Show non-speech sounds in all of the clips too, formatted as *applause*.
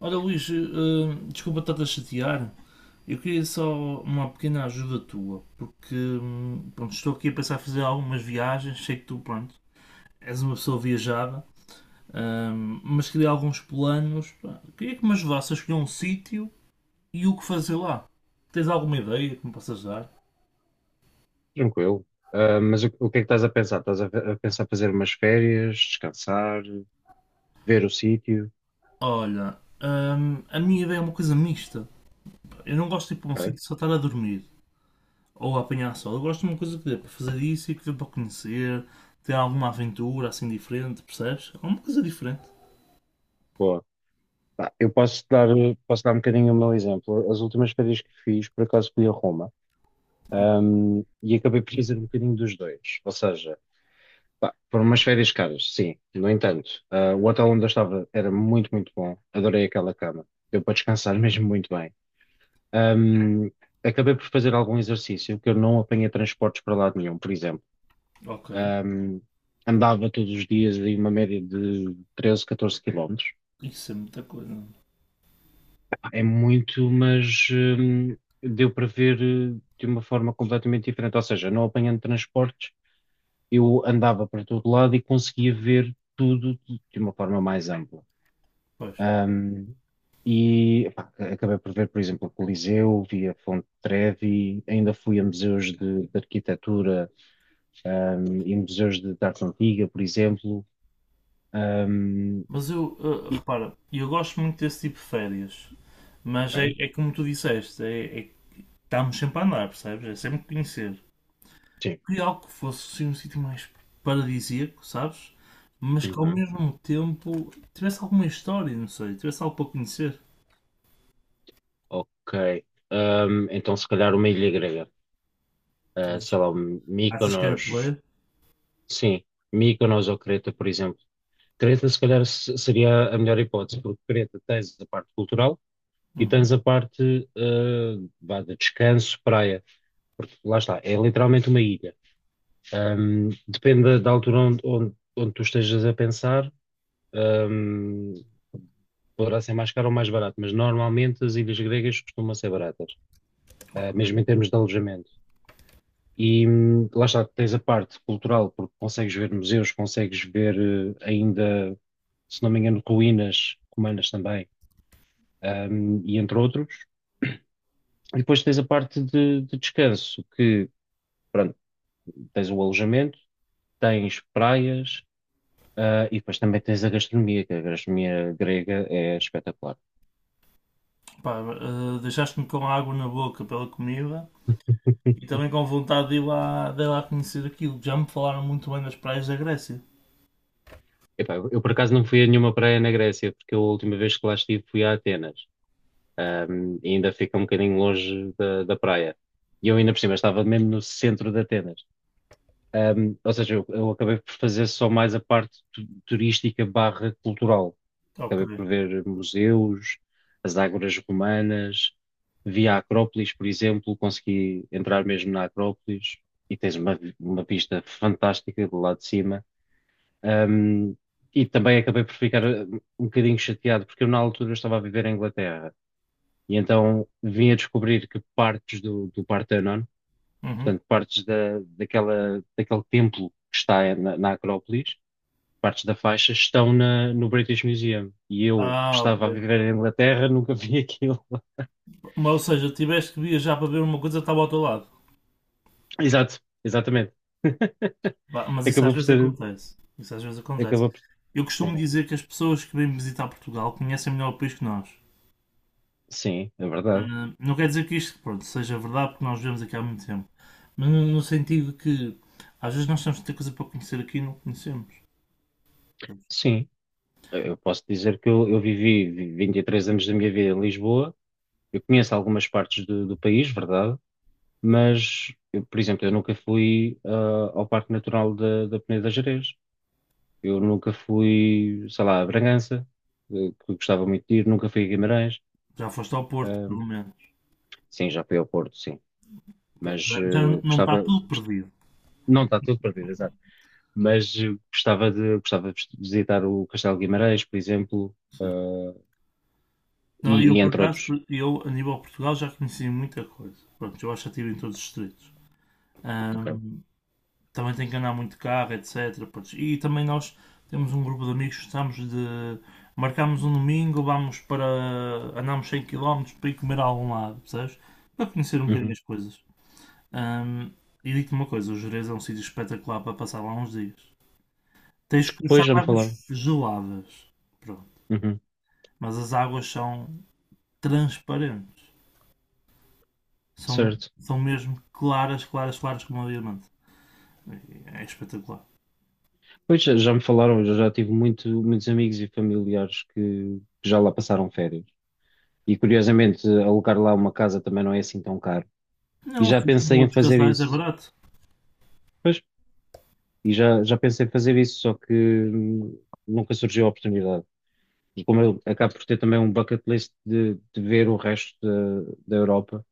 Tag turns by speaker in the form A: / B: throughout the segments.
A: Olha, Luís, desculpa estar a chatear. Eu queria só uma pequena ajuda tua, porque pronto, estou aqui a pensar em fazer algumas viagens. Sei que tu, pronto, és uma pessoa viajada, mas queria alguns planos. Pá, queria que me ajudasses a escolher um sítio e o que fazer lá. Tens alguma ideia que me possas dar?
B: Tranquilo. Ah, mas o que é que estás a pensar? Estás a pensar fazer umas férias, descansar, ver o sítio?
A: Olha, a minha ideia é uma coisa mista. Eu não gosto de ir para um
B: Ok,
A: sítio só estar a dormir ou a apanhar sol. Eu gosto de uma coisa que dê para fazer isso e que dê para conhecer, ter alguma aventura assim diferente, percebes? Alguma coisa diferente.
B: boa. Pá, posso dar um bocadinho o meu exemplo. As últimas férias que fiz, por acaso fui a Roma, e acabei por fazer um bocadinho dos dois. Ou seja, pá, foram umas férias caras, sim. No entanto, o hotel onde eu estava era muito, muito bom. Adorei aquela cama. Deu para descansar *laughs* mesmo muito bem. Ahm, acabei por fazer algum exercício, que eu não apanhei transportes para lado nenhum, por exemplo.
A: Ok.
B: Um, andava todos os dias em uma média de 13, 14 km.
A: Isso é muita coisa.
B: É muito, mas deu para ver de uma forma completamente diferente. Ou seja, não apanhando transportes, eu andava para todo lado e conseguia ver tudo de uma forma mais ampla.
A: Pois.
B: Um, e pá, acabei por ver, por exemplo, o Coliseu, vi a Fonte Trevi, ainda fui a museus de arquitetura, e museus de arte antiga, por exemplo. Um,
A: Mas eu,
B: e,
A: repara, eu gosto muito desse tipo de férias. Mas é,
B: Ok.
A: é como tu disseste, é que estamos sempre a andar, percebes? É sempre conhecer.
B: Sim.
A: Queria algo que fosse assim, um sítio mais paradisíaco, sabes? Mas que ao
B: Uhum.
A: mesmo tempo tivesse alguma história, não sei, tivesse algo para conhecer.
B: Ok. Então, se calhar uma ilha grega. Ah, sei lá,
A: Achas que era por aí?
B: Mykonos. Sim, Mykonos ou Creta, por exemplo. Creta, se calhar, seria a melhor hipótese, porque Creta tens a parte cultural e
A: Uhum,
B: tens a parte vá, de descanso, praia. Porque lá está, é literalmente uma ilha. Depende da altura onde tu estejas a pensar. Ahm, poderá ser mais caro ou mais barato, mas normalmente as ilhas gregas costumam ser baratas. Eh,
A: ok.
B: mesmo em termos de alojamento. E lá está, tens a parte cultural, porque consegues ver museus, consegues ver eh, ainda, se não me engano, ruínas romanas também, e entre outros. E depois tens a parte de descanso, que, pronto, tens o alojamento, tens praias, e depois também tens a gastronomia, que a gastronomia grega é espetacular.
A: Pá, deixaste-me com água na boca pela comida e também com vontade de ir lá conhecer aquilo. Já me falaram muito bem das praias da Grécia.
B: Epá, eu por acaso não fui a nenhuma praia na Grécia, porque eu, a última vez que lá estive fui a Atenas. E ainda fica um bocadinho longe da praia. E eu ainda por cima estava mesmo no centro de Atenas. Um, ou seja, eu acabei por fazer só mais a parte turística barra cultural.
A: Ok.
B: Acabei por ver museus, as ágoras romanas, vi a Acrópolis, por exemplo, consegui entrar mesmo na Acrópolis e tens uma, uma vista fantástica do lado de cima. Um, e também acabei por ficar um bocadinho chateado, porque eu na altura estava a viver em Inglaterra e então vim a descobrir que partes do Partenon,
A: Uhum.
B: portanto, partes daquele templo que está na Acrópolis, partes da faixa, estão no British Museum. E eu
A: Ah, ok.
B: estava a viver em Inglaterra, *laughs* nunca vi aquilo. *laughs*
A: Mas, ou seja, tiveste que viajar para ver uma coisa que estava ao teu lado.
B: Exato, exatamente.
A: Pá, mas isso às
B: Acabou por
A: vezes
B: ser.
A: acontece. Isso às vezes acontece.
B: Acabou por...
A: Eu costumo
B: Sim,
A: dizer que as pessoas que vêm visitar Portugal conhecem melhor o país que nós.
B: sim, é verdade.
A: Ah, não quer dizer que isto, pronto, seja verdade, porque nós vivemos aqui há muito tempo. Mas no sentido que às vezes nós temos tanta coisa para conhecer aqui e não conhecemos.
B: Sim, eu posso dizer que eu vivi 23 anos da minha vida em Lisboa. Eu conheço algumas partes do país, verdade, mas, eu, por exemplo, eu nunca fui ao Parque Natural da Peneda da Gerês. Eu nunca fui, sei lá, a Bragança, eh, que gostava muito de ir. Nunca fui a Guimarães.
A: Já foste ao Porto,
B: Ah,
A: pelo menos.
B: sim, já fui ao Porto, sim.
A: Pronto,
B: Mas
A: já, já não está
B: gostava,
A: tudo perdido.
B: não está tudo perdido, exato. Mas gostava gostava de visitar o Castelo de Guimarães, por exemplo,
A: Sim. Não, eu,
B: e
A: por
B: entre
A: acaso,
B: outros.
A: eu, a nível de Portugal, já conheci muita coisa. Pronto, eu acho que estive em todos os distritos.
B: Ok.
A: Ahm, também tem que andar muito de carro, etc. Pronto, e também nós temos um grupo de amigos que estamos de... Marcámos um domingo, vamos para... Andámos 100 km para ir comer a algum lado, percebes? Para conhecer um bocadinho
B: Uhum.
A: as coisas. Ahm, e digo-te uma coisa, o Jerez é um sítio espetacular para passar lá uns dias. Tens que gostar
B: Pois
A: de
B: já me falaram.
A: águas geladas. Pronto.
B: Uhum.
A: Mas as águas são transparentes. São,
B: Certo.
A: são mesmo claras, claras, claras como um diamante. É espetacular.
B: Pois já, já me falaram, eu já tive muito, muitos amigos e familiares que já lá passaram férias. E curiosamente, alugar lá uma casa também não é assim tão caro. E
A: Não,
B: já
A: se for
B: pensei em
A: outros
B: fazer
A: casais é
B: isso.
A: barato.
B: Pois, e já, já pensei em fazer isso, só que nunca surgiu a oportunidade. E como eu acabo por ter também um bucket list de ver o resto da Europa,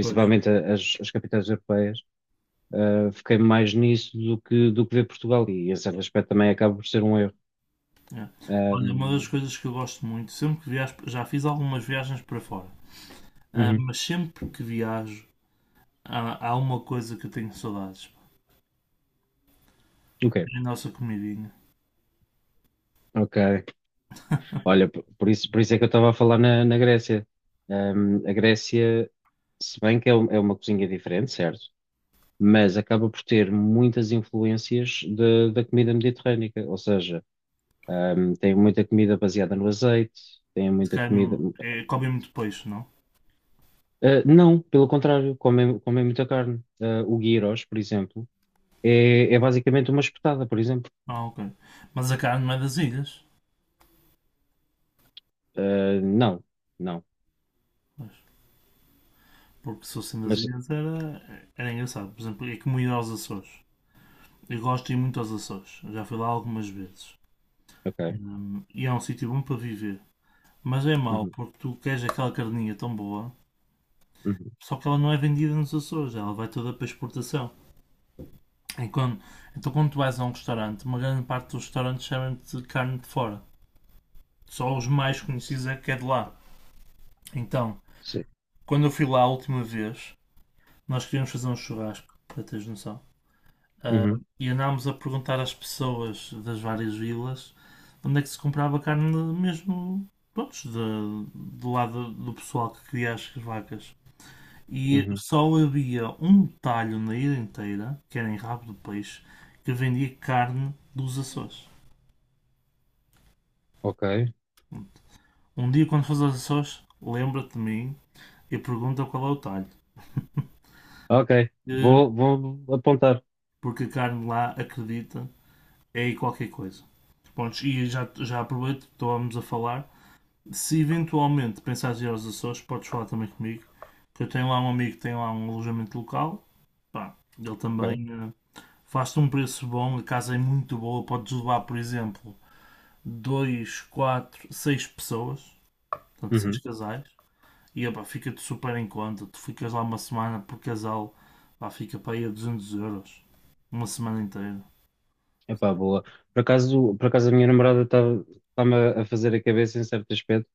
A: Pois.
B: as capitais europeias, fiquei mais nisso do que ver Portugal. E esse aspecto também acaba por ser um erro.
A: É.
B: Ah,
A: Olha, uma das
B: hum,
A: coisas que eu gosto muito, sempre que viajo, já fiz algumas viagens para fora,
B: uhum,
A: mas sempre que viajo há uma coisa que eu tenho saudades.
B: ok.
A: É a nossa comidinha.
B: Ok. Olha, por isso é que eu estava a falar na Grécia. A Grécia, se bem que é, é uma cozinha diferente, certo? Mas acaba por ter muitas influências da comida mediterrânica. Ou seja, tem muita comida baseada no azeite, tem
A: De
B: muita comida.
A: carne, é, comem muito peixe, não?
B: Ah, não, pelo contrário, comem muita carne. Ah, o gyros, por exemplo, é basicamente uma espetada, por exemplo.
A: Ah, ok. Mas a carne não é das ilhas.
B: Ah, não, não.
A: Porque se fossem das
B: Mas,
A: ilhas era, era engraçado. Por exemplo, é como ir aos Açores. Eu gosto de ir muito aos Açores, já fui lá algumas vezes.
B: ok.
A: E é um sítio bom para viver. Mas é mau,
B: Uhum,
A: porque tu queres aquela carninha tão boa,
B: uhum,
A: só que ela não é vendida nos Açores, ela vai toda para exportação. E quando- então quando tu vais a um restaurante, uma grande parte dos restaurantes chamam-te de carne de fora. Só os mais conhecidos é que é de lá. Então,
B: sim.
A: quando eu fui lá a última vez, nós queríamos fazer um churrasco, para teres noção. Ah,
B: Uhum,
A: e andámos a perguntar às pessoas das várias vilas onde é que se comprava carne mesmo, pronto, do lado do pessoal que cria as vacas. E
B: uhum,
A: só havia um talho na ilha inteira, que era em Rabo do Peixe, que vendia carne dos Açores.
B: ok.
A: Um dia, quando fores aos Açores, lembra-te de mim e pergunta qual é o talho.
B: Ok,
A: Eh,
B: vou apontar.
A: porque a carne lá, acredita, é aí qualquer coisa. Pontos e já aproveito, estávamos a falar, se eventualmente pensares em ir aos Açores, podes falar também comigo. Que eu tenho lá um amigo que tem lá um alojamento local. Pá, ele
B: Ok.
A: também faz-te um preço bom, a casa é muito boa. Podes levar, por exemplo, 2 4 6 pessoas, portanto, 6
B: Uhum.
A: casais. E epá, fica-te super em conta. Tu ficas lá uma semana por casal, pá, fica para aí a 200 euros. Uma semana inteira.
B: Epá,
A: Portanto,
B: boa. Por acaso a minha namorada está-me a fazer a cabeça em certo aspecto,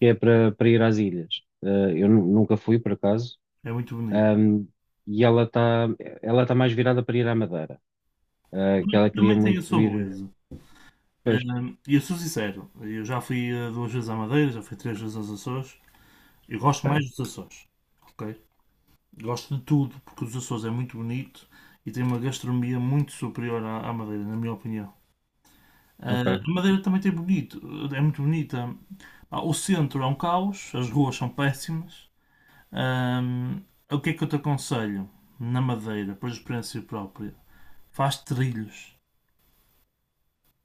B: que é para ir às ilhas. Eh, eu nunca fui, por acaso,
A: é muito bonito.
B: Ahm, e ela está ela tá mais virada para ir à Madeira, que ela
A: Também
B: queria
A: também tem a
B: muito
A: sua
B: ir.
A: beleza.
B: Pois,
A: E eu sou sincero, eu já fui 2 vezes à Madeira, já fui 3 vezes aos Açores. Eu gosto
B: ok,
A: mais dos Açores, ok? Gosto de tudo, porque os Açores é muito bonito e tem uma gastronomia muito superior à Madeira, na minha opinião. Ah,
B: ok,
A: a Madeira também tem bonito, é muito bonita. Ah, o centro é um caos, as ruas são péssimas. Hum, o que é que eu te aconselho na Madeira, por experiência própria? Faz trilhos,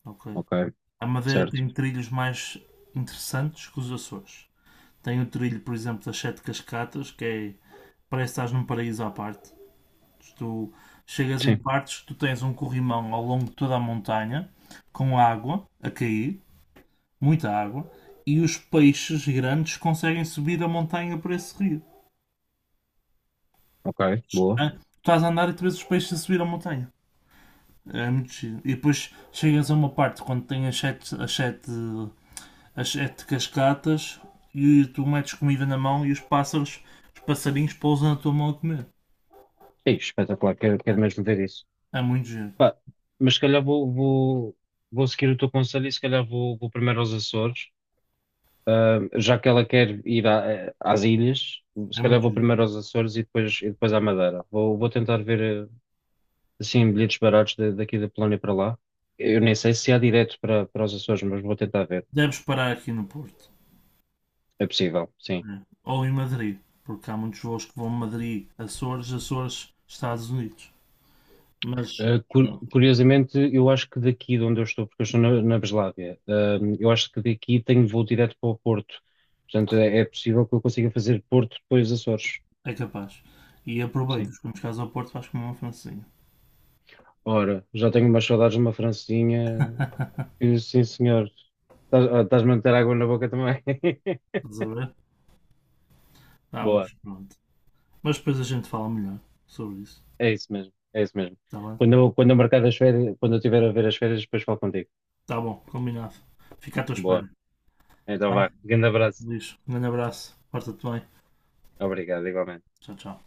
A: ok?
B: ok,
A: A Madeira
B: certo.
A: tem trilhos mais interessantes que os Açores. Tem o trilho, por exemplo, das Sete Cascatas, que é, parece que estás num paraíso à parte. Tu chegas em
B: Sim,
A: partes, tu tens um corrimão ao longo de toda a montanha, com água a cair, muita água, e os peixes grandes conseguem subir a montanha por esse rio.
B: ok, boa.
A: Ah, tu estás a andar e tu vês os peixes a subir a montanha. É muito giro. E depois chegas a uma parte quando tem as sete cascatas e tu metes comida na mão e os pássaros, os passarinhos pousam na tua mão a comer.
B: Ei, espetacular, quero, quero
A: Ah,
B: mesmo ver isso.
A: é muito giro.
B: Pá, mas se calhar vou seguir o teu conselho e se calhar vou primeiro aos Açores. Já que ela quer ir às ilhas, se
A: É
B: calhar
A: muito
B: vou
A: giro.
B: primeiro aos Açores e depois à Madeira. Vou tentar ver assim bilhetes baratos daqui da Polónia para lá. Eu nem sei se há direto para os Açores, mas vou tentar ver.
A: Deves parar aqui no Porto.
B: É possível, sim.
A: Né? Ou em Madrid. Porque há muitos voos que vão a Madrid, Açores, Açores, Estados Unidos. Mas
B: Eh,
A: pronto,
B: curiosamente, eu acho que daqui de onde eu estou, porque eu estou na Breslávia, eu acho que daqui tenho voo direto para o Porto. Portanto, é possível que eu consiga fazer Porto depois Açores.
A: é capaz. E
B: Sim.
A: aproveitas. Quando chegares ao Porto vais comer uma francesinha.
B: Ora, já tenho umas saudades de uma francesinha. E, sim, senhor. Estás-me a meter água na boca também. *laughs*
A: Estás a ver? Ah,
B: Boa,
A: mas pronto. Mas depois a gente fala melhor sobre isso.
B: é isso mesmo, é isso mesmo.
A: Está bem?
B: Quando eu marcar as férias, quando eu estiver a ver as férias, depois falo contigo.
A: Está bom, combinado. Fica à tua espera.
B: Boa, então
A: Tá?
B: vá. Grande abraço.
A: Luís, um grande abraço. Porta-te bem.
B: Obrigado, igualmente.
A: Tchau, tchau.